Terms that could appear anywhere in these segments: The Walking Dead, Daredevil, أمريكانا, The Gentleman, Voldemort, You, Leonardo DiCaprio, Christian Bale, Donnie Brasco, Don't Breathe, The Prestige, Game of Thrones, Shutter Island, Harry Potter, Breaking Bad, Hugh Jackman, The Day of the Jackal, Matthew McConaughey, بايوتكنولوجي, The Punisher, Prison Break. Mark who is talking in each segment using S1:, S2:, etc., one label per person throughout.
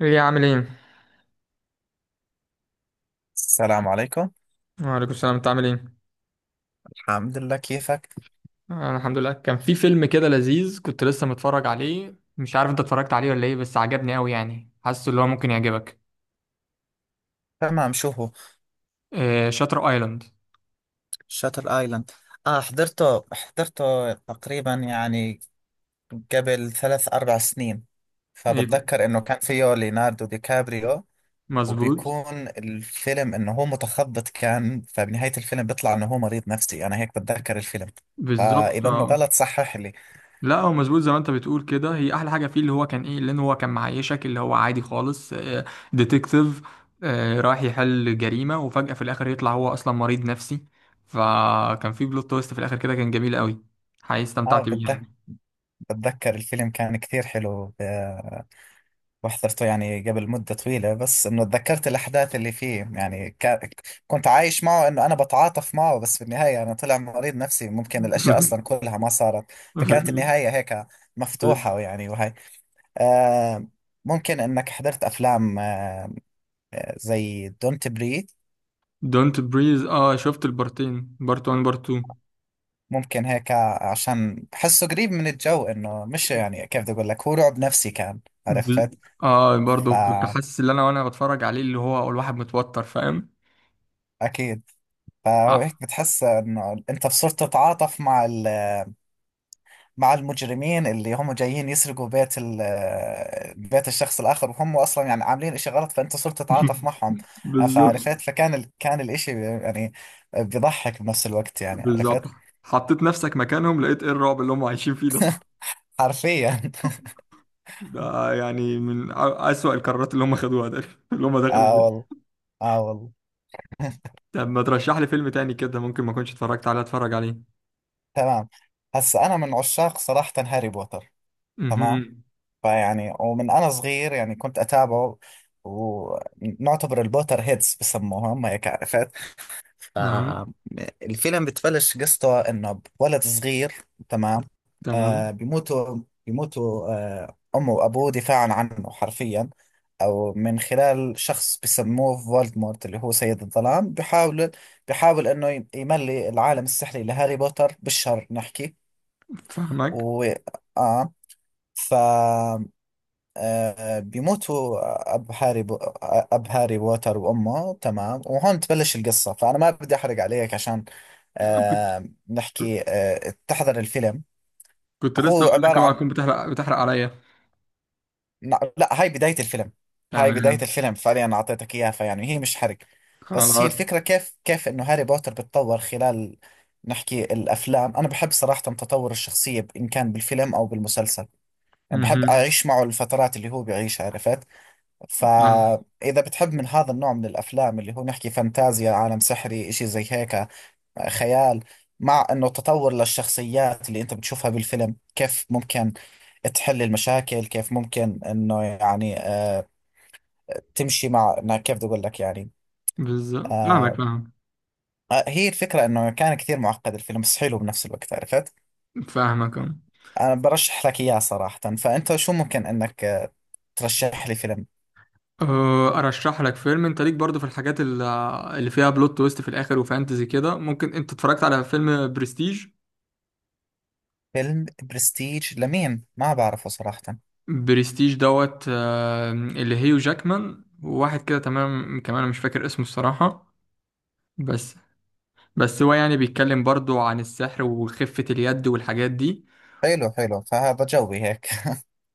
S1: ايه عامل ايه؟
S2: السلام عليكم.
S1: وعليكم السلام انت عامل ايه؟
S2: الحمد لله، كيفك؟
S1: انا الحمد لله كان في فيلم كده لذيذ كنت لسه متفرج عليه، مش عارف انت اتفرجت عليه ولا ايه، بس عجبني قوي، يعني حاسه اللي هو ممكن يعجبك.
S2: تمام، شو هو؟
S1: آه شاتر ايلاند.
S2: شاتل ايلاند. اه حضرته تقريبا، يعني قبل 3 4 سنين،
S1: ايه،
S2: فبتذكر انه كان فيه ليوناردو دي كابريو.
S1: مظبوط.
S2: وبيكون الفيلم انه هو متخبط كان، فبنهاية الفيلم بيطلع انه هو مريض نفسي. انا هيك بتذكر الفيلم،
S1: بالظبط
S2: فاذا انه
S1: اه.
S2: غلط صحح لي.
S1: لا هو مظبوط زي ما انت بتقول كده، هي احلى حاجه فيه اللي هو كان ايه، لان هو كان معيشك اللي هو عادي خالص. آه ديتكتيف، آه رايح يحل جريمه وفجاه في الاخر يطلع هو اصلا مريض نفسي. فكان في بلوت تويست في الاخر كده، كان جميل قوي، حقيقي
S2: اه،
S1: استمتعت بيه
S2: بتذكر
S1: يعني.
S2: بتذكر الفيلم، كان كثير حلو. وحضرته يعني قبل مدة طويلة، بس إنه تذكرت الأحداث اللي فيه، يعني كنت عايش معه، إنه أنا بتعاطف معه، بس في النهاية أنا طلع مريض نفسي، ممكن الأشياء أصلا كلها ما صارت. فكانت النهاية هيك مفتوحة يعني، وهي آه ممكن إنك حضرت أفلام زي دونت بريث.
S1: دونت بريز، اه شفت البارتين، بارت 1 بارت 2.
S2: ممكن هيك عشان بحسه قريب من الجو، إنه مش يعني كيف بدي أقول لك، هو رعب نفسي كان،
S1: بل...
S2: عرفت؟
S1: اه برضه كنت حاسس ان انا وانا بتفرج عليه اللي هو الواحد متوتر، فاهم.
S2: فأكيد، فهو هيك بتحس إنه أنت بصرت تتعاطف مع المجرمين اللي هم جايين يسرقوا بيت الشخص الآخر، وهم أصلا يعني عاملين إشي غلط، فأنت صرت تتعاطف معهم.
S1: بالظبط.
S2: فعرفت، فكان كان الإشي يعني بيضحك بنفس الوقت، يعني
S1: بالظبط
S2: عرفت؟
S1: حطيت نفسك مكانهم لقيت ايه الرعب اللي هم عايشين فيه ده.
S2: حرفيا
S1: ده يعني من أسوأ القرارات اللي هم خدوها ده اللي هم دخلوا
S2: آه
S1: فيه.
S2: والله، آه والله
S1: طب ما ترشح لي فيلم تاني كده ممكن ما كنتش اتفرجت عليه اتفرج عليه.
S2: تمام، هسا أنا من عشاق صراحة هاري بوتر.
S1: اها.
S2: تمام، فيعني ومن أنا صغير يعني كنت أتابعه، ونعتبر البوتر هيدز بسموهم هيك، عرفت؟
S1: اها.
S2: الفيلم بتبلش قصته انه ولد صغير، تمام،
S1: تمام.
S2: آه بيموتوا بيموتوا امه وابوه دفاعا عنه حرفيا، او من خلال شخص بسموه فولدمورت اللي هو سيد الظلام. بيحاول انه يملي العالم السحري لهاري بوتر بالشر، نحكي.
S1: فاهمك.
S2: و اه ف آه بيموتوا اب هاري بو... اب هاري بوتر وامه، تمام، وهون تبلش القصة. فانا ما بدي احرق عليك عشان
S1: كنت
S2: نحكي، تحضر الفيلم.
S1: كنت لسه
S2: هو
S1: اقول لك
S2: عبارة
S1: اوعى
S2: عن...
S1: تكون بتحرق عليا.
S2: لا لا، هاي بداية الفيلم، هاي بداية
S1: تمام.
S2: الفيلم فعليا أعطيتك إياها، فيعني هي مش حرق. بس هي
S1: خلاص.
S2: الفكرة، كيف إنه هاري بوتر بتطور خلال، نحكي، الأفلام. أنا بحب صراحة تطور الشخصية، إن كان بالفيلم أو بالمسلسل، يعني بحب
S1: مهم.
S2: أعيش معه الفترات اللي هو بيعيشها، عرفت؟
S1: فاهم.
S2: فإذا بتحب من هذا النوع من الأفلام، اللي هو نحكي فانتازيا، عالم سحري، إشي زي هيك، خيال، مع انه تطور للشخصيات اللي انت بتشوفها بالفيلم، كيف ممكن تحل المشاكل، كيف ممكن انه يعني تمشي مع إنها كيف بدي اقول لك يعني.
S1: بالظبط، فاهمك،
S2: آه
S1: فاهم.
S2: هي الفكرة انه كان كثير معقد الفيلم، بس حلو بنفس الوقت، عرفت؟
S1: فاهمك أه.
S2: انا برشح لك اياه صراحة. فانت شو ممكن انك ترشح لي فيلم؟
S1: أه، ارشح لك فيلم، انت ليك برضو في الحاجات اللي فيها بلوت تويست في الاخر وفانتزي كده. ممكن انت اتفرجت على فيلم برستيج؟
S2: فيلم برستيج لمين؟ ما بعرفه صراحة.
S1: برستيج دوت آه، اللي هيو جاكمان وواحد كده تمام كمان، أنا مش فاكر اسمه الصراحة. بس بس هو يعني بيتكلم برضو عن السحر وخفة اليد والحاجات دي.
S2: حلو حلو، فهذا جوي هيك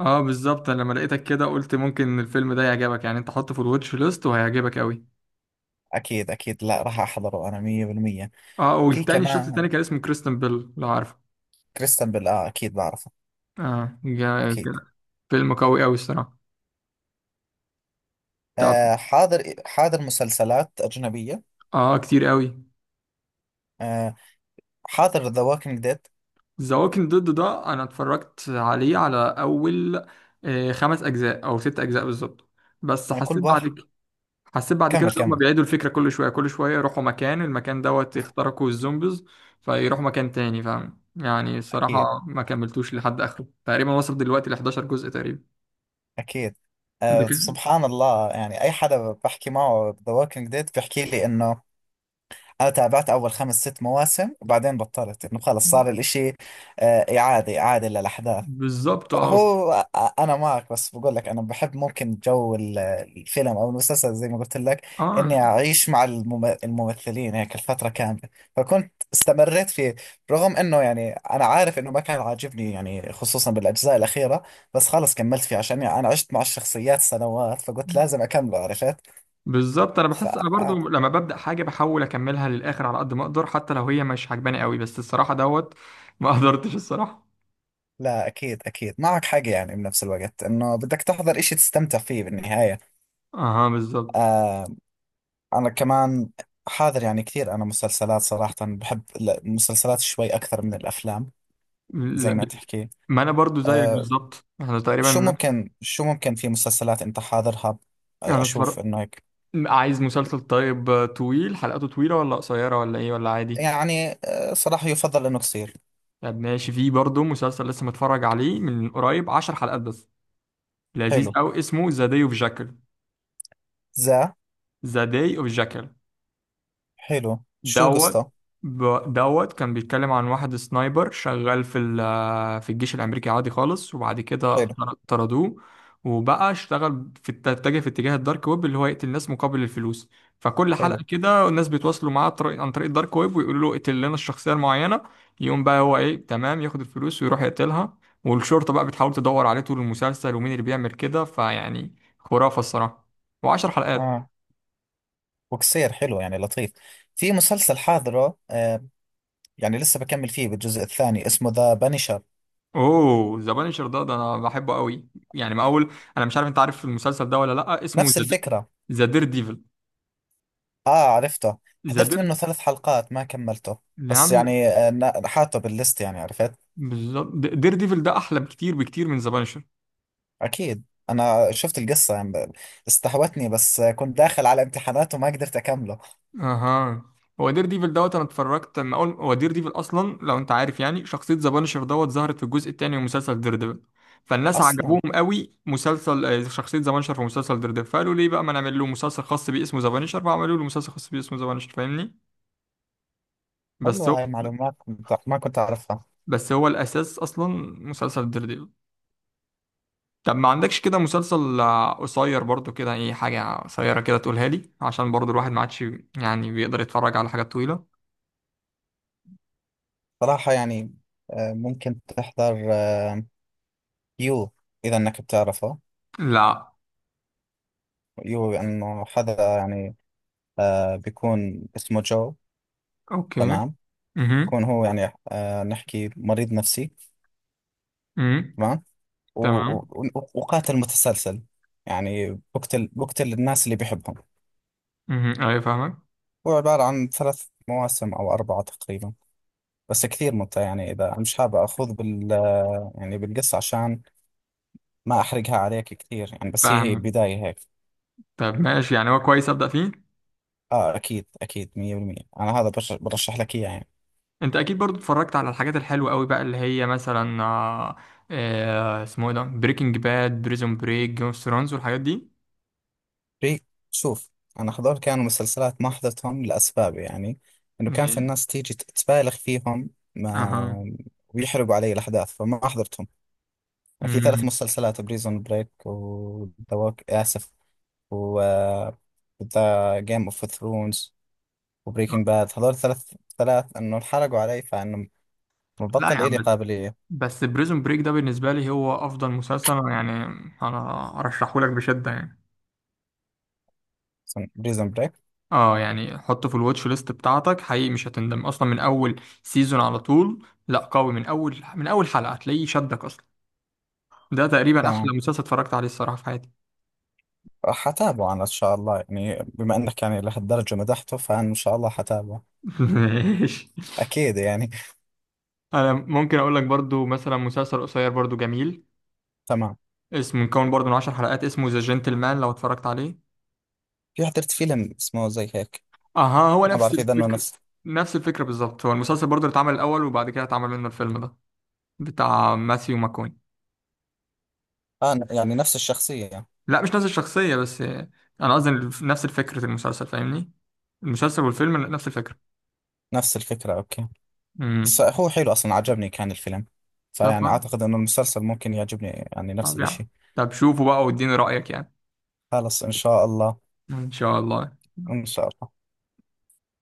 S1: اه بالظبط، انا لما لقيتك كده قلت ممكن الفيلم ده يعجبك يعني، انت حطه في الواتش ليست وهيعجبك قوي.
S2: اكيد اكيد، لا راح احضره انا 100%.
S1: اه
S2: في
S1: والتاني الشخص التاني
S2: كمان
S1: كان اسمه كريستن بيل، لو عارفه.
S2: كريستن بيل، اه اكيد بعرفه،
S1: اه كان
S2: أكيد.
S1: فيلم قوي قوي الصراحة. طب،
S2: حاضر حاضر مسلسلات أجنبية.
S1: اه كتير قوي.
S2: آه حاضر ذا ووكينج ديد.
S1: ذا ووكينج ديد ده انا اتفرجت عليه على اول آه، 5 اجزاء او 6 اجزاء بالظبط. بس
S2: أنا كل
S1: حسيت بعد
S2: واحد،
S1: كده، حسيت بعد كده
S2: كمل
S1: ان هم
S2: كمل،
S1: بيعيدوا الفكرة كل شوية كل شوية، يروحوا مكان المكان دوت يخترقوا الزومبيز، فيروحوا مكان تاني، فاهم يعني.
S2: أكيد
S1: الصراحة ما كملتوش لحد اخره، تقريبا وصل دلوقتي ل 11 جزء تقريبا.
S2: أكيد.
S1: ده
S2: آه
S1: كده.
S2: سبحان الله، يعني أي حدا بحكي معه ذا ووكينج ديد بيحكي لي إنه أنا تابعت أول 5 6 مواسم وبعدين بطلت، إنه خلص صار الإشي إعادة إعادة للأحداث.
S1: بالظبط اه.
S2: هو انا معك، بس بقول لك انا بحب ممكن جو الفيلم او المسلسل، زي ما قلت لك،
S1: اه
S2: اني اعيش مع الممثلين هيك الفتره كامله. فكنت استمريت فيه رغم انه يعني انا عارف انه ما كان عاجبني يعني، خصوصا بالاجزاء الاخيره، بس خلص كملت فيه عشان يعني انا عشت مع الشخصيات سنوات، فقلت لازم اكمله، عرفت؟
S1: بالظبط، انا
S2: ف
S1: بحس انا برضو
S2: آه،
S1: لما ببدا حاجه بحاول اكملها للاخر على قد ما اقدر حتى لو هي مش عجباني قوي، بس الصراحه دوت ما قدرتش الصراحه.
S2: لا اكيد اكيد معك حق، يعني بنفس الوقت انه بدك تحضر اشي تستمتع فيه بالنهايه.
S1: اها بالظبط.
S2: آه، أنا كمان حاضر يعني كثير. أنا مسلسلات صراحة بحب المسلسلات شوي أكثر من الأفلام،
S1: لا
S2: زي ما
S1: ب-
S2: تحكي.
S1: ما انا برضو زيك
S2: أه،
S1: بالظبط، احنا تقريبا
S2: شو ممكن شو ممكن في مسلسلات أنت حاضرها؟
S1: انا
S2: أشوف
S1: اتفرج.
S2: إنه هيك.
S1: عايز مسلسل طيب آه، طويل، حلقاته طويله ولا قصيره ولا ايه ولا عادي؟
S2: يعني صراحة يفضل إنه قصير.
S1: طب ماشي، في برضو مسلسل لسه متفرج عليه من قريب، 10 حلقات بس، لذيذ
S2: حلو.
S1: قوي اسمه ذا داي اوف جاكل.
S2: ذا
S1: ذا داي اوف جاكل
S2: حلو، شو قصته؟
S1: دوت كان بيتكلم عن واحد سنايبر شغال في الجيش الأمريكي عادي خالص، وبعد كده
S2: حلو
S1: طردوه. وبقى اشتغل اتجه في اتجاه الدارك ويب اللي هو يقتل الناس مقابل الفلوس. فكل حلقة
S2: حلو.
S1: كده الناس بيتواصلوا معاه عن طريق الدارك ويب ويقولوا له اقتل لنا الشخصية المعينة. يقوم بقى هو ايه تمام ياخد الفلوس ويروح يقتلها. والشرطة بقى بتحاول تدور عليه طول المسلسل ومين اللي بيعمل كده، فيعني خرافة الصراحة. وعشر حلقات.
S2: آه وقصير، حلو يعني لطيف. في مسلسل حاضره، يعني لسه بكمل فيه بالجزء الثاني، اسمه ذا بانشر.
S1: اوه ذا بانشر ده، ده انا بحبه قوي. يعني ما اول، انا مش عارف انت عارف المسلسل ده ولا لا، اسمه
S2: نفس الفكرة.
S1: ذا دير ديفل.
S2: اه عرفته،
S1: ذا
S2: حضرت
S1: دير،
S2: منه 3 حلقات ما كملته،
S1: اللي
S2: بس
S1: عند،
S2: يعني حاطه بالليست، يعني عرفت.
S1: بالظبط دير ديفل ده احلى بكتير بكتير من ذا بانشر.
S2: اكيد، انا شفت القصة يعني استهوتني، بس كنت داخل على امتحانات وما قدرت اكمله.
S1: اها، هو دير ديفل دوت انا اتفرجت لما اول، هو دير ديفل اصلا لو انت عارف، يعني شخصيه ذا بانشر دوت ظهرت في الجزء 2 من مسلسل دير ديفل. فالناس
S2: اصلا
S1: عجبوهم قوي مسلسل آه، شخصيه ذا بانشر في مسلسل دير ديفل، فقالوا ليه بقى ما نعمل له مسلسل خاص بيه اسمه ذا بانشر، فعملوا له مسلسل خاص بيه اسمه ذا بانشر، فاهمني. بس
S2: حلوة هاي المعلومات، كنت ما كنت اعرفها.
S1: هو الاساس اصلا مسلسل ديرديفل. طب ما عندكش كده مسلسل آه، قصير برضو كده، اي حاجه قصيره كده تقولها لي، عشان برضو الواحد ما عادش يعني بيقدر يتفرج على حاجات طويله.
S2: صراحة يعني ممكن تحضر يو، اذا انك بتعرفه.
S1: لا.
S2: يو انه حدا يعني بيكون اسمه جو،
S1: اوكي.
S2: تمام،
S1: امم.
S2: يكون هو يعني نحكي مريض نفسي،
S1: امم.
S2: تمام، و-
S1: تمام.
S2: و- وقاتل متسلسل، يعني بقتل الناس اللي بيحبهم.
S1: ايوه فاهمك.
S2: هو عبارة عن 3 مواسم أو 4 تقريبا، بس كثير ممتع. يعني إذا مش حابب أخوض بال، يعني بالقصة، عشان ما أحرقها عليك كثير يعني، بس هي
S1: فاهمك.
S2: بداية هيك.
S1: طب ماشي يعني، هو كويس ابدا فيه.
S2: أكيد أكيد مية بالمية أنا هذا برشح لك إياه يعني.
S1: انت اكيد برضو اتفرجت على الحاجات الحلوه قوي بقى اللي هي مثلا آه، آه اسمه ايه ده، بريكنج باد، بريزون بريك، جيم اوف ثرونز والحاجات دي.
S2: في، شوف، أنا هذول كانوا مسلسلات ما حضرتهم لأسباب، يعني إنه كانت
S1: يعني،
S2: الناس تيجي تبالغ فيهم
S1: اها،
S2: ما، ويحرقوا علي الأحداث فما حضرتهم. في ثلاث
S1: امم،
S2: مسلسلات بريزون بريك، وذا ووك آسف، و ذا جيم اوف ثرونز، وبريكنج باد. هذول ثلاث، انه انحرقوا علي فانه
S1: لا يا
S2: مبطل إلي
S1: عم.
S2: قابلية.
S1: بس بريزون بريك ده بالنسبة لي هو أفضل مسلسل، أنا يعني أنا أرشحه لك بشدة يعني.
S2: بريزون بريك،
S1: اه يعني حطه في الواتش ليست بتاعتك، حقيقي مش هتندم. أصلا من أول سيزون على طول، لا قوي، من أول من أول حلقة هتلاقيه شدك أصلا. ده تقريبا أحلى
S2: تمام،
S1: مسلسل اتفرجت عليه الصراحة في حياتي.
S2: حتابعه انا ان شاء الله يعني، بما انك يعني لهالدرجة مدحته، فانا ان شاء الله حتابعه،
S1: ماشي.
S2: اكيد يعني
S1: أنا ممكن أقول لك برضو مثلا مسلسل قصير برضو جميل
S2: تمام.
S1: اسمه، مكون برضو من 10 حلقات، اسمه ذا جنتلمان لو اتفرجت عليه.
S2: في حضرت فيلم اسمه زي هيك،
S1: أها هو
S2: ما
S1: نفس
S2: بعرف اذا انه
S1: الفكر،
S2: نفس
S1: نفس الفكرة بالظبط، هو المسلسل برضو اللي اتعمل الأول وبعد كده اتعمل منه الفيلم ده بتاع ماثيو ماكوني.
S2: يعني نفس الشخصية؟
S1: لا مش نفس الشخصية، بس أنا قصدي نفس فكرة المسلسل فاهمني، المسلسل والفيلم نفس الفكرة.
S2: نفس الفكرة، اوكي.
S1: امم.
S2: بس هو حلو، أصلا عجبني كان الفيلم،
S1: طب
S2: فيعني
S1: خلاص.
S2: أعتقد إنه المسلسل ممكن يعجبني، يعني نفس
S1: طب يعني،
S2: الإشي.
S1: طب شوفوا بقى واديني رأيك يعني.
S2: خلص إن شاء الله.
S1: إن شاء الله.
S2: إن شاء الله.